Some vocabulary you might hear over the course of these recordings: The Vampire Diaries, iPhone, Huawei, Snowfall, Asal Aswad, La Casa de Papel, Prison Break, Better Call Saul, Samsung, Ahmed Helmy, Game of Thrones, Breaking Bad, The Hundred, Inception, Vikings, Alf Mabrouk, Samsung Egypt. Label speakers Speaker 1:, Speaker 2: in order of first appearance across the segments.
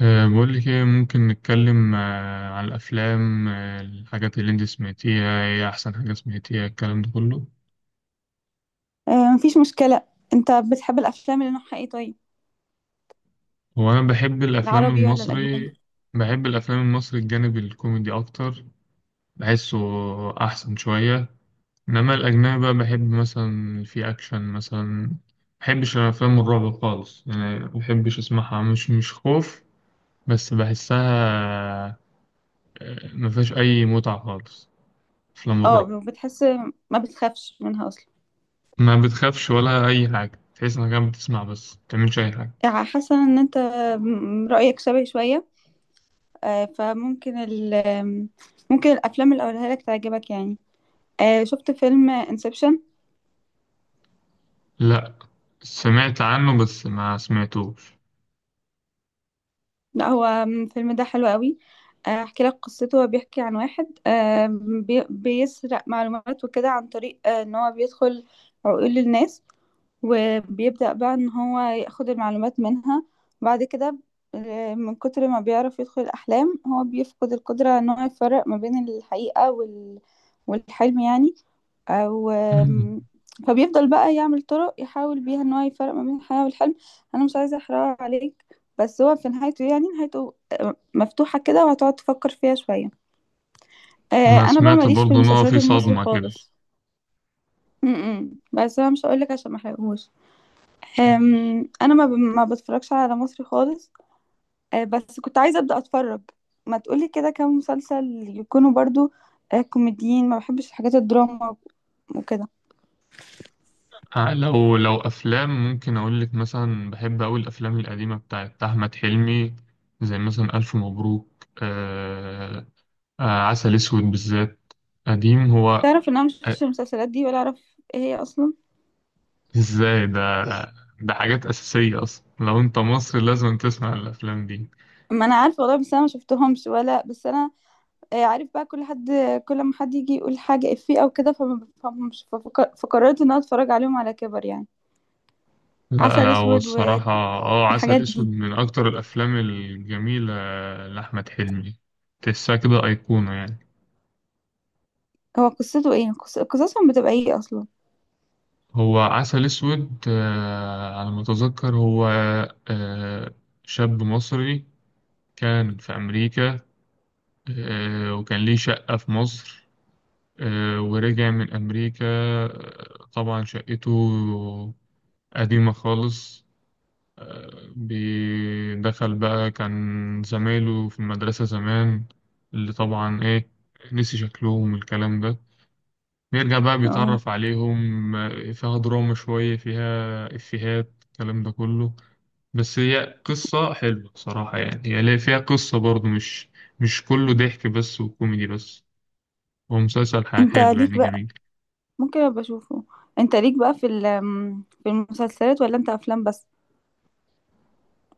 Speaker 1: بقول لك ايه؟ ممكن نتكلم عن الافلام، الحاجات اللي انت سمعتيها؟ ايه احسن حاجه سمعتيها الكلام ده كله؟
Speaker 2: مفيش مشكلة. انت بتحب الافلام اللي نوعها ايه طيب؟
Speaker 1: هو انا بحب الافلام
Speaker 2: العربي ولا الاجنبي؟
Speaker 1: المصري. بحب الافلام المصري، الجانب الكوميدي اكتر. بحسه احسن شويه. انما الاجنبي بقى بحب مثلا في اكشن مثلا. بحبش الافلام الرعب خالص، يعني بحبش اسمعها. مش خوف، بس بحسها. مفيهاش اي متعه خالص، افلام الرعب.
Speaker 2: اه بتحس، ما بتخافش منها اصلا.
Speaker 1: ما بتخافش ولا أي حاجة، تحس إنك قاعد بتسمع بس ما بتعملش أي حاجة.
Speaker 2: يعني حاسة ان انت رأيك شبه شوية. آه، فممكن ال ممكن الافلام اللي اقولها لك تعجبك يعني. شفت فيلم انسبشن؟
Speaker 1: لأ، سمعت عنه بس ما سمعتوش.
Speaker 2: لا، هو الفيلم ده حلو قوي. احكي لك قصته. هو بيحكي عن واحد بيسرق معلومات وكده، عن طريق ان هو بيدخل عقول الناس، وبيبدأ بقى ان هو ياخد المعلومات منها. بعد كده من كتر ما بيعرف يدخل الأحلام، هو بيفقد القدرة ان هو يفرق ما بين الحقيقة والحلم يعني، او
Speaker 1: مم.
Speaker 2: آم، فبيفضل بقى يعمل طرق يحاول بيها ان هو يفرق ما بين الحياة والحلم. انا مش عايزة احرق عليك، بس هو في نهايته، يعني نهايته مفتوحة كده وهتقعد تفكر فيها شوية.
Speaker 1: أنا
Speaker 2: انا بقى
Speaker 1: سمعت
Speaker 2: ماليش في
Speaker 1: برضه إن هو
Speaker 2: المسلسلات
Speaker 1: في
Speaker 2: المصري
Speaker 1: صدمة كده.
Speaker 2: خالص. م -م. بس انا مش هقولك عشان ما احرقهوش.
Speaker 1: ماشي.
Speaker 2: انا ما بتفرجش على مصري خالص. بس كنت عايزه ابدا اتفرج. ما تقولي كده كام مسلسل يكونوا برضو كوميديين، ما بحبش الحاجات الدراما وكده.
Speaker 1: لو أفلام ممكن أقول لك مثلا، بحب أوي الأفلام القديمة بتاعت أحمد حلمي، زي مثلا ألف مبروك. آه آه عسل أسود بالذات، قديم هو.
Speaker 2: تعرف ان انا مش شفتش
Speaker 1: آه،
Speaker 2: المسلسلات دي ولا اعرف ايه هي اصلا؟
Speaker 1: إزاي ده؟ ده حاجات أساسية أصلا، لو أنت مصري لازم تسمع الأفلام دي.
Speaker 2: ما انا عارفه والله، بس انا ما شفتهمش ولا بس انا عارف بقى كل حد، كل ما حد يجي يقول حاجه افيه او كده فما بفهمش فقررت ان انا اتفرج عليهم على كبر يعني.
Speaker 1: لا
Speaker 2: عسل
Speaker 1: لا، هو
Speaker 2: اسود والحاجات
Speaker 1: الصراحة عسل أسود
Speaker 2: دي،
Speaker 1: من أكتر الأفلام الجميلة لأحمد حلمي، تحسها كده أيقونة يعني.
Speaker 2: هو قصته ايه؟ قصصهم بتبقى ايه اصلا؟
Speaker 1: هو عسل أسود، على ما أتذكر، هو آه، شاب مصري كان في أمريكا، وكان ليه شقة في مصر. ورجع من أمريكا، طبعا شقته قديمة خالص. بدخل بقى، كان زمايله في المدرسة زمان اللي طبعا إيه، نسي شكلهم والكلام ده. بيرجع بقى
Speaker 2: اه،
Speaker 1: بيتعرف عليهم. فيها دراما شوية، فيها إفيهات الكلام ده كله. بس هي قصة حلوة صراحة، يعني هي فيها قصة برضو، مش كله ضحك بس وكوميدي بس. هو مسلسل
Speaker 2: انت
Speaker 1: حلو،
Speaker 2: ليك
Speaker 1: يعني جميل.
Speaker 2: ممكن ابقى اشوفه. انت ليك بقى في في المسلسلات ولا انت افلام بس؟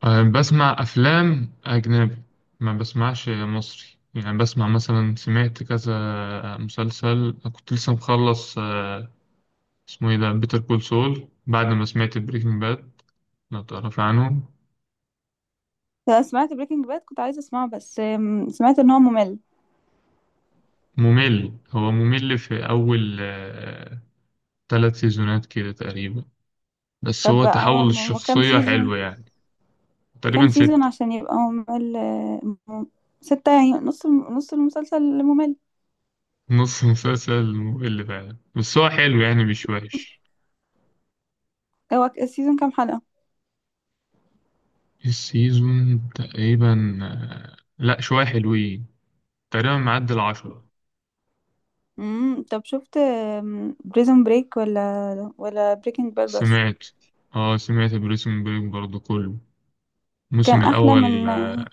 Speaker 1: بسمع أفلام أجنبي، ما بسمعش مصري. يعني بسمع، مثلا سمعت كذا مسلسل، كنت لسه مخلص اسمه ايه ده، بيتر كول سول، بعد ما سمعت بريكنج باد. لو تعرف عنه.
Speaker 2: انا سمعت بريكنج باد، كنت عايزه اسمعه، بس سمعت ان هو ممل.
Speaker 1: ممل، هو ممل في أول ثلاث سيزونات كده تقريبا، بس
Speaker 2: طب
Speaker 1: هو
Speaker 2: هو
Speaker 1: تحول
Speaker 2: هو كام
Speaker 1: الشخصية حلو
Speaker 2: سيزون؟
Speaker 1: يعني.
Speaker 2: كام
Speaker 1: تقريبا
Speaker 2: سيزون
Speaker 1: ست.
Speaker 2: عشان يبقى ممل؟ ستة يعني، نص نص المسلسل ممل.
Speaker 1: نص مسلسل ممل فعلا، بس هو حلو يعني، مش وحش.
Speaker 2: هو السيزون كام حلقة؟
Speaker 1: السيزون تقريبا لا، شوية حلوين، تقريبا معدي 10.
Speaker 2: امم، طب شفت بريزون بريك ولا بريكنج باد بس؟
Speaker 1: سمعت. اه سمعت بريسون بريك برضو كله. الموسم
Speaker 2: كان احلى
Speaker 1: الأول
Speaker 2: من اه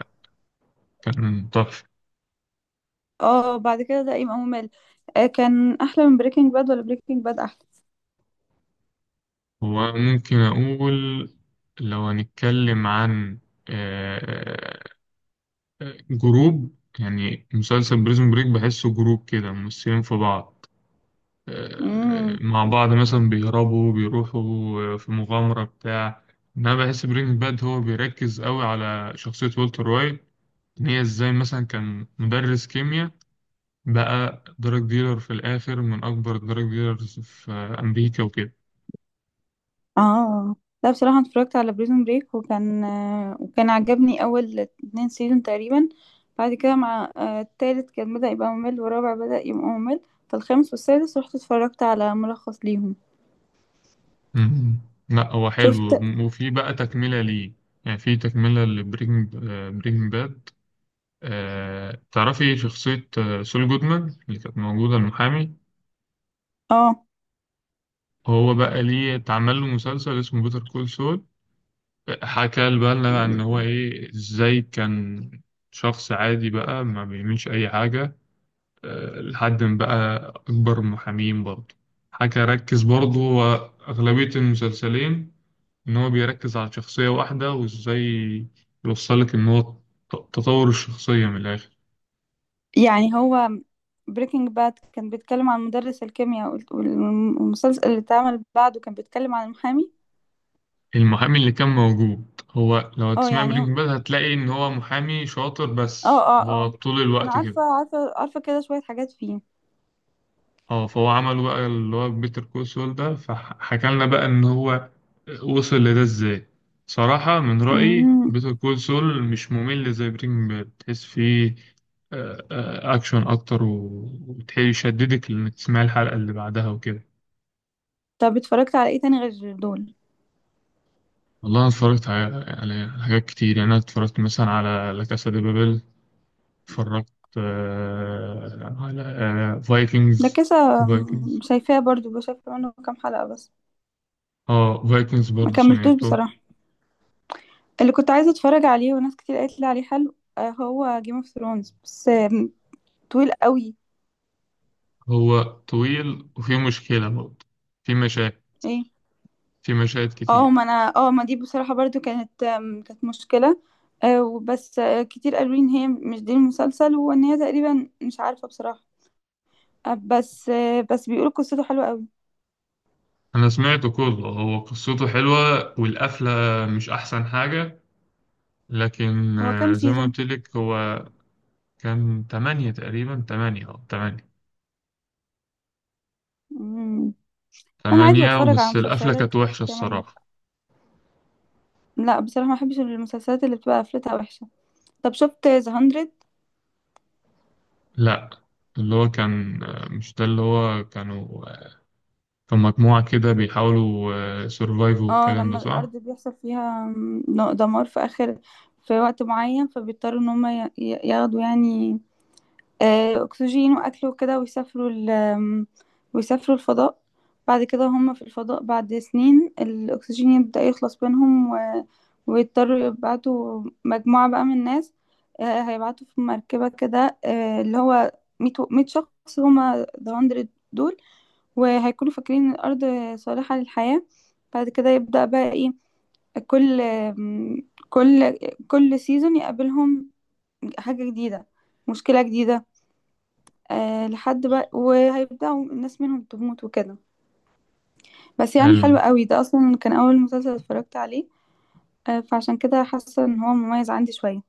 Speaker 1: كان تحفة.
Speaker 2: بعد كده ده يبقى ممل. كان احلى من بريكنج باد ولا بريكنج باد احلى؟
Speaker 1: وممكن أقول، لو هنتكلم عن آه، جروب، يعني مسلسل بريزون بريك بحسه جروب كده، ممثلين في بعض
Speaker 2: امم،
Speaker 1: مع بعض، مثلا بيهربوا بيروحوا في مغامرة بتاع. إن أنا بحس برينج باد هو بيركز قوي على شخصية والتر وايت، إن هي إزاي مثلا كان مدرس كيمياء، بقى دراج ديلر في الآخر، من أكبر دراج ديلرز في أمريكا وكده.
Speaker 2: اه. لا بصراحة، أنا اتفرجت على بريزون بريك وكان وكان عجبني أول اتنين سيزون تقريبا. بعد كده مع التالت كان بدأ يبقى ممل، والرابع بدأ يبقى ممل. فالخامس والسادس رحت اتفرجت على ملخص ليهم.
Speaker 1: مم. لا، هو
Speaker 2: شفت.
Speaker 1: حلو وفي بقى تكملة ليه، يعني في تكملة برينج باد. تعرفي شخصية سول جودمان اللي كانت موجودة، المحامي؟
Speaker 2: اه
Speaker 1: هو بقى ليه اتعمل له مسلسل اسمه بيتر كول سول. حكى بقى لنا بقى ان هو ايه، ازاي كان شخص عادي بقى ما بيعملش اي حاجة، لحد ما بقى اكبر محامين برضه. حكى، ركز برضه هو اغلبية المسلسلين ان هو بيركز على شخصية واحدة، وازاي يوصلك ان هو تطور الشخصية من الاخر.
Speaker 2: يعني هو بريكنج باد كان بيتكلم عن مدرس الكيمياء والمسلسل اللي اتعمل بعده كان بيتكلم عن المحامي.
Speaker 1: المحامي اللي كان موجود، هو لو
Speaker 2: اه
Speaker 1: هتسمع
Speaker 2: يعني، اه
Speaker 1: برينج باد هتلاقي ان هو محامي شاطر، بس
Speaker 2: اه
Speaker 1: هو
Speaker 2: اه.
Speaker 1: طول
Speaker 2: أنا
Speaker 1: الوقت
Speaker 2: عارفة
Speaker 1: كده.
Speaker 2: عارفة عارفة كده شوية حاجات فيه.
Speaker 1: اه فهو عمل بقى اللي هو بيتر كول سول ده، فحكى لنا بقى ان هو وصل لده ازاي. صراحة من رأيي
Speaker 2: مم.
Speaker 1: بيتر كول سول مش ممل زي بريكنج باد، تحس فيه اكشن اكتر، وتحيل يشددك انك تسمع الحلقة اللي بعدها وكده.
Speaker 2: طب اتفرجت على ايه تاني غير دول؟
Speaker 1: والله انا اتفرجت على حاجات كتير، يعني انا اتفرجت مثلا على لا كاسا دي بابل. اتفرجت على
Speaker 2: ده
Speaker 1: فايكنجز،
Speaker 2: كذا
Speaker 1: فايكنجز.
Speaker 2: شايفاه برضو، بشوف منه كام حلقة بس،
Speaker 1: اه فايكنجز
Speaker 2: ما
Speaker 1: برضه
Speaker 2: كملتوش
Speaker 1: سمعته.
Speaker 2: بصراحة. اللي كنت عايزة اتفرج عليه وناس كتير قالت لي عليه حلو هو جيم اوف ثرونز، بس طويل قوي.
Speaker 1: هو طويل وفيه مشكلة برضه، في مشاهد
Speaker 2: ايه؟
Speaker 1: في مشاهد
Speaker 2: اه،
Speaker 1: كتير.
Speaker 2: ما انا اه ما دي بصراحة برضو كانت كانت مشكلة. آه، وبس آه، كتير قالوا لي ان هي مش دي المسلسل، وان هي تقريبا مش عارفة بصراحة. بس بيقولوا قصته حلوة قوي.
Speaker 1: أنا سمعته كله، هو قصته حلوة والقفلة مش أحسن حاجة، لكن
Speaker 2: هو كام
Speaker 1: زي ما
Speaker 2: سيزون؟
Speaker 1: قلت لك هو كان تمانية تقريبا، تمانية تمانية،
Speaker 2: مم. انا عادي
Speaker 1: تمانية.
Speaker 2: بتفرج على
Speaker 1: بس القفلة
Speaker 2: مسلسلات
Speaker 1: كانت وحشة
Speaker 2: كمان.
Speaker 1: الصراحة.
Speaker 2: لا بصراحة، ما بحبش المسلسلات اللي بتبقى قفلتها وحشة. طب شفت ذا هندرد؟
Speaker 1: لأ، اللي هو كان مش ده، اللي هو كانوا كان مجموعة كده بيحاولوا سيرفايفوا
Speaker 2: اه
Speaker 1: الكلام ده،
Speaker 2: لما
Speaker 1: صح؟
Speaker 2: الارض بيحصل فيها دمار في اخر، في وقت معين، فبيضطروا ان هم ياخدوا يعني اكسجين واكل وكده، ويسافروا ال آم، ويسافروا الفضاء. بعد كده هم في الفضاء بعد سنين الاكسجين يبدأ يخلص منهم، ويضطروا يبعتوا مجموعة بقى من الناس. هيبعتوا في مركبة كده اللي هو 100 شخص، هم ذا هندرد دول. وهيكونوا فاكرين ان الارض صالحة للحياة. بعد كده يبدأ بقى ايه، كل كل كل سيزون يقابلهم حاجة جديدة، مشكلة جديدة. أه لحد بقى وهيبدأوا الناس منهم تموت وكده. بس يعني حلو قوي، ده اصلا كان اول مسلسل اتفرجت عليه، أه فعشان كده حاسة ان هو مميز عندي شوية.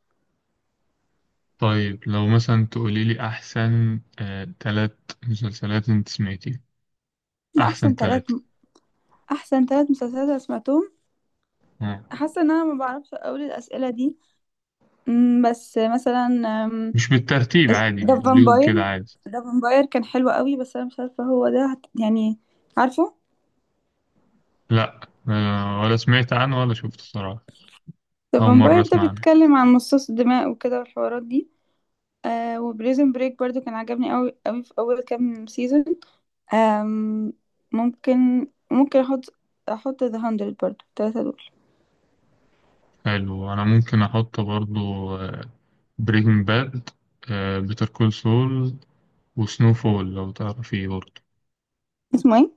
Speaker 1: طيب لو مثلا تقولي لي أحسن تلات مسلسلات أنت سمعتيها.
Speaker 2: ده احسن
Speaker 1: أحسن
Speaker 2: ثلاث،
Speaker 1: تلاتة؟
Speaker 2: احسن ثلاث مسلسلات أنا سمعتهم.
Speaker 1: آه.
Speaker 2: حاسة ان انا ما بعرفش اقول الاسئلة دي. بس مثلا
Speaker 1: مش بالترتيب، عادي
Speaker 2: ده
Speaker 1: قوليهم كده،
Speaker 2: فامباير.
Speaker 1: عادي.
Speaker 2: ده فامباير كان حلو قوي، بس انا مش عارفه هو ده يعني عارفه؟
Speaker 1: لأ، ولا سمعت عنه ولا شفته صراحة،
Speaker 2: ده
Speaker 1: أول مرة
Speaker 2: فامباير ده
Speaker 1: أسمع عنه.
Speaker 2: بيتكلم عن مصاص الدماء وكده والحوارات دي. آه، وبريزن بريك برضو كان عجبني قوي قوي في اول كام سيزون. آم ممكن احط، احط ذا هاندرد برضو التلاتة دول.
Speaker 1: حلو، أنا ممكن أحط برضو بريكنج باد، بيتر كول سول، وسنو فول لو تعرفيه برضو.
Speaker 2: اسمه ايه؟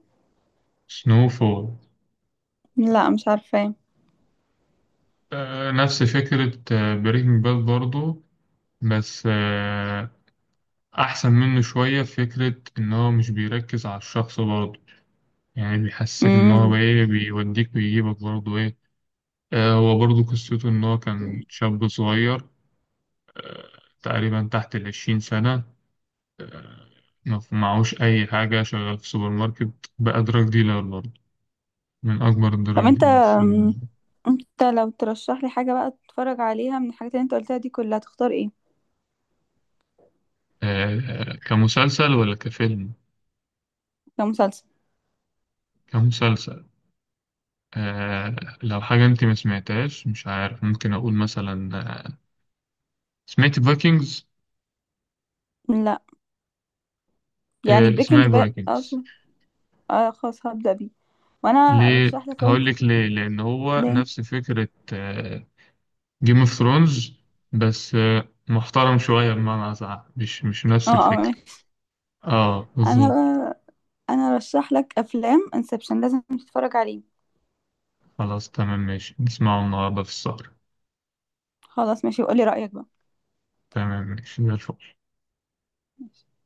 Speaker 1: سنو فول.
Speaker 2: لا مش عارفه.
Speaker 1: نفس فكرة بريكنج باد برضو، بس أحسن منه شوية، في فكرة إن هو مش بيركز على الشخص برضه، يعني بيحسسك إن هو
Speaker 2: امم،
Speaker 1: إيه، بيوديك ويجيبك برضه إيه. هو برضه قصته إن هو كان شاب صغير، آه تقريبا تحت 20 سنة. آه ما ف- معهوش أي حاجة، شغال في سوبر ماركت، بقى دراج ديلر برضه، من أكبر
Speaker 2: طب
Speaker 1: الدراج
Speaker 2: انت
Speaker 1: ديلرز.
Speaker 2: انت لو ترشح لي حاجه بقى اتفرج عليها من الحاجات اللي انت قلتها دي كلها، تختار ايه؟
Speaker 1: كمسلسل ولا كفيلم؟
Speaker 2: كمسلسل؟
Speaker 1: كمسلسل. آه لو حاجة أنت ما سمعتهاش مش عارف، ممكن أقول مثلا آه، سمعت فايكنجز؟
Speaker 2: لا، يعني
Speaker 1: اسمها
Speaker 2: بريكنج باد اه.
Speaker 1: الفايكنجز.
Speaker 2: اه خلاص هبدأ بيه. وانا
Speaker 1: ليه؟
Speaker 2: ارشح لك انت.
Speaker 1: هقول لك ليه، لان هو
Speaker 2: ليه؟
Speaker 1: نفس فكره جيم اوف ثرونز، بس محترم شويه، بمعنى اصح مش
Speaker 2: اه
Speaker 1: نفس
Speaker 2: اه
Speaker 1: الفكره.
Speaker 2: ماشي.
Speaker 1: اه
Speaker 2: انا
Speaker 1: بالظبط.
Speaker 2: بقى، انا ارشح لك افلام انسبشن، لازم تتفرج عليه.
Speaker 1: خلاص، تمام، ماشي، نسمعه النهارده في السهره.
Speaker 2: خلاص ماشي، وقولي رأيك بقى.
Speaker 1: تمام، ماشي زي الفل.
Speaker 2: ماشي.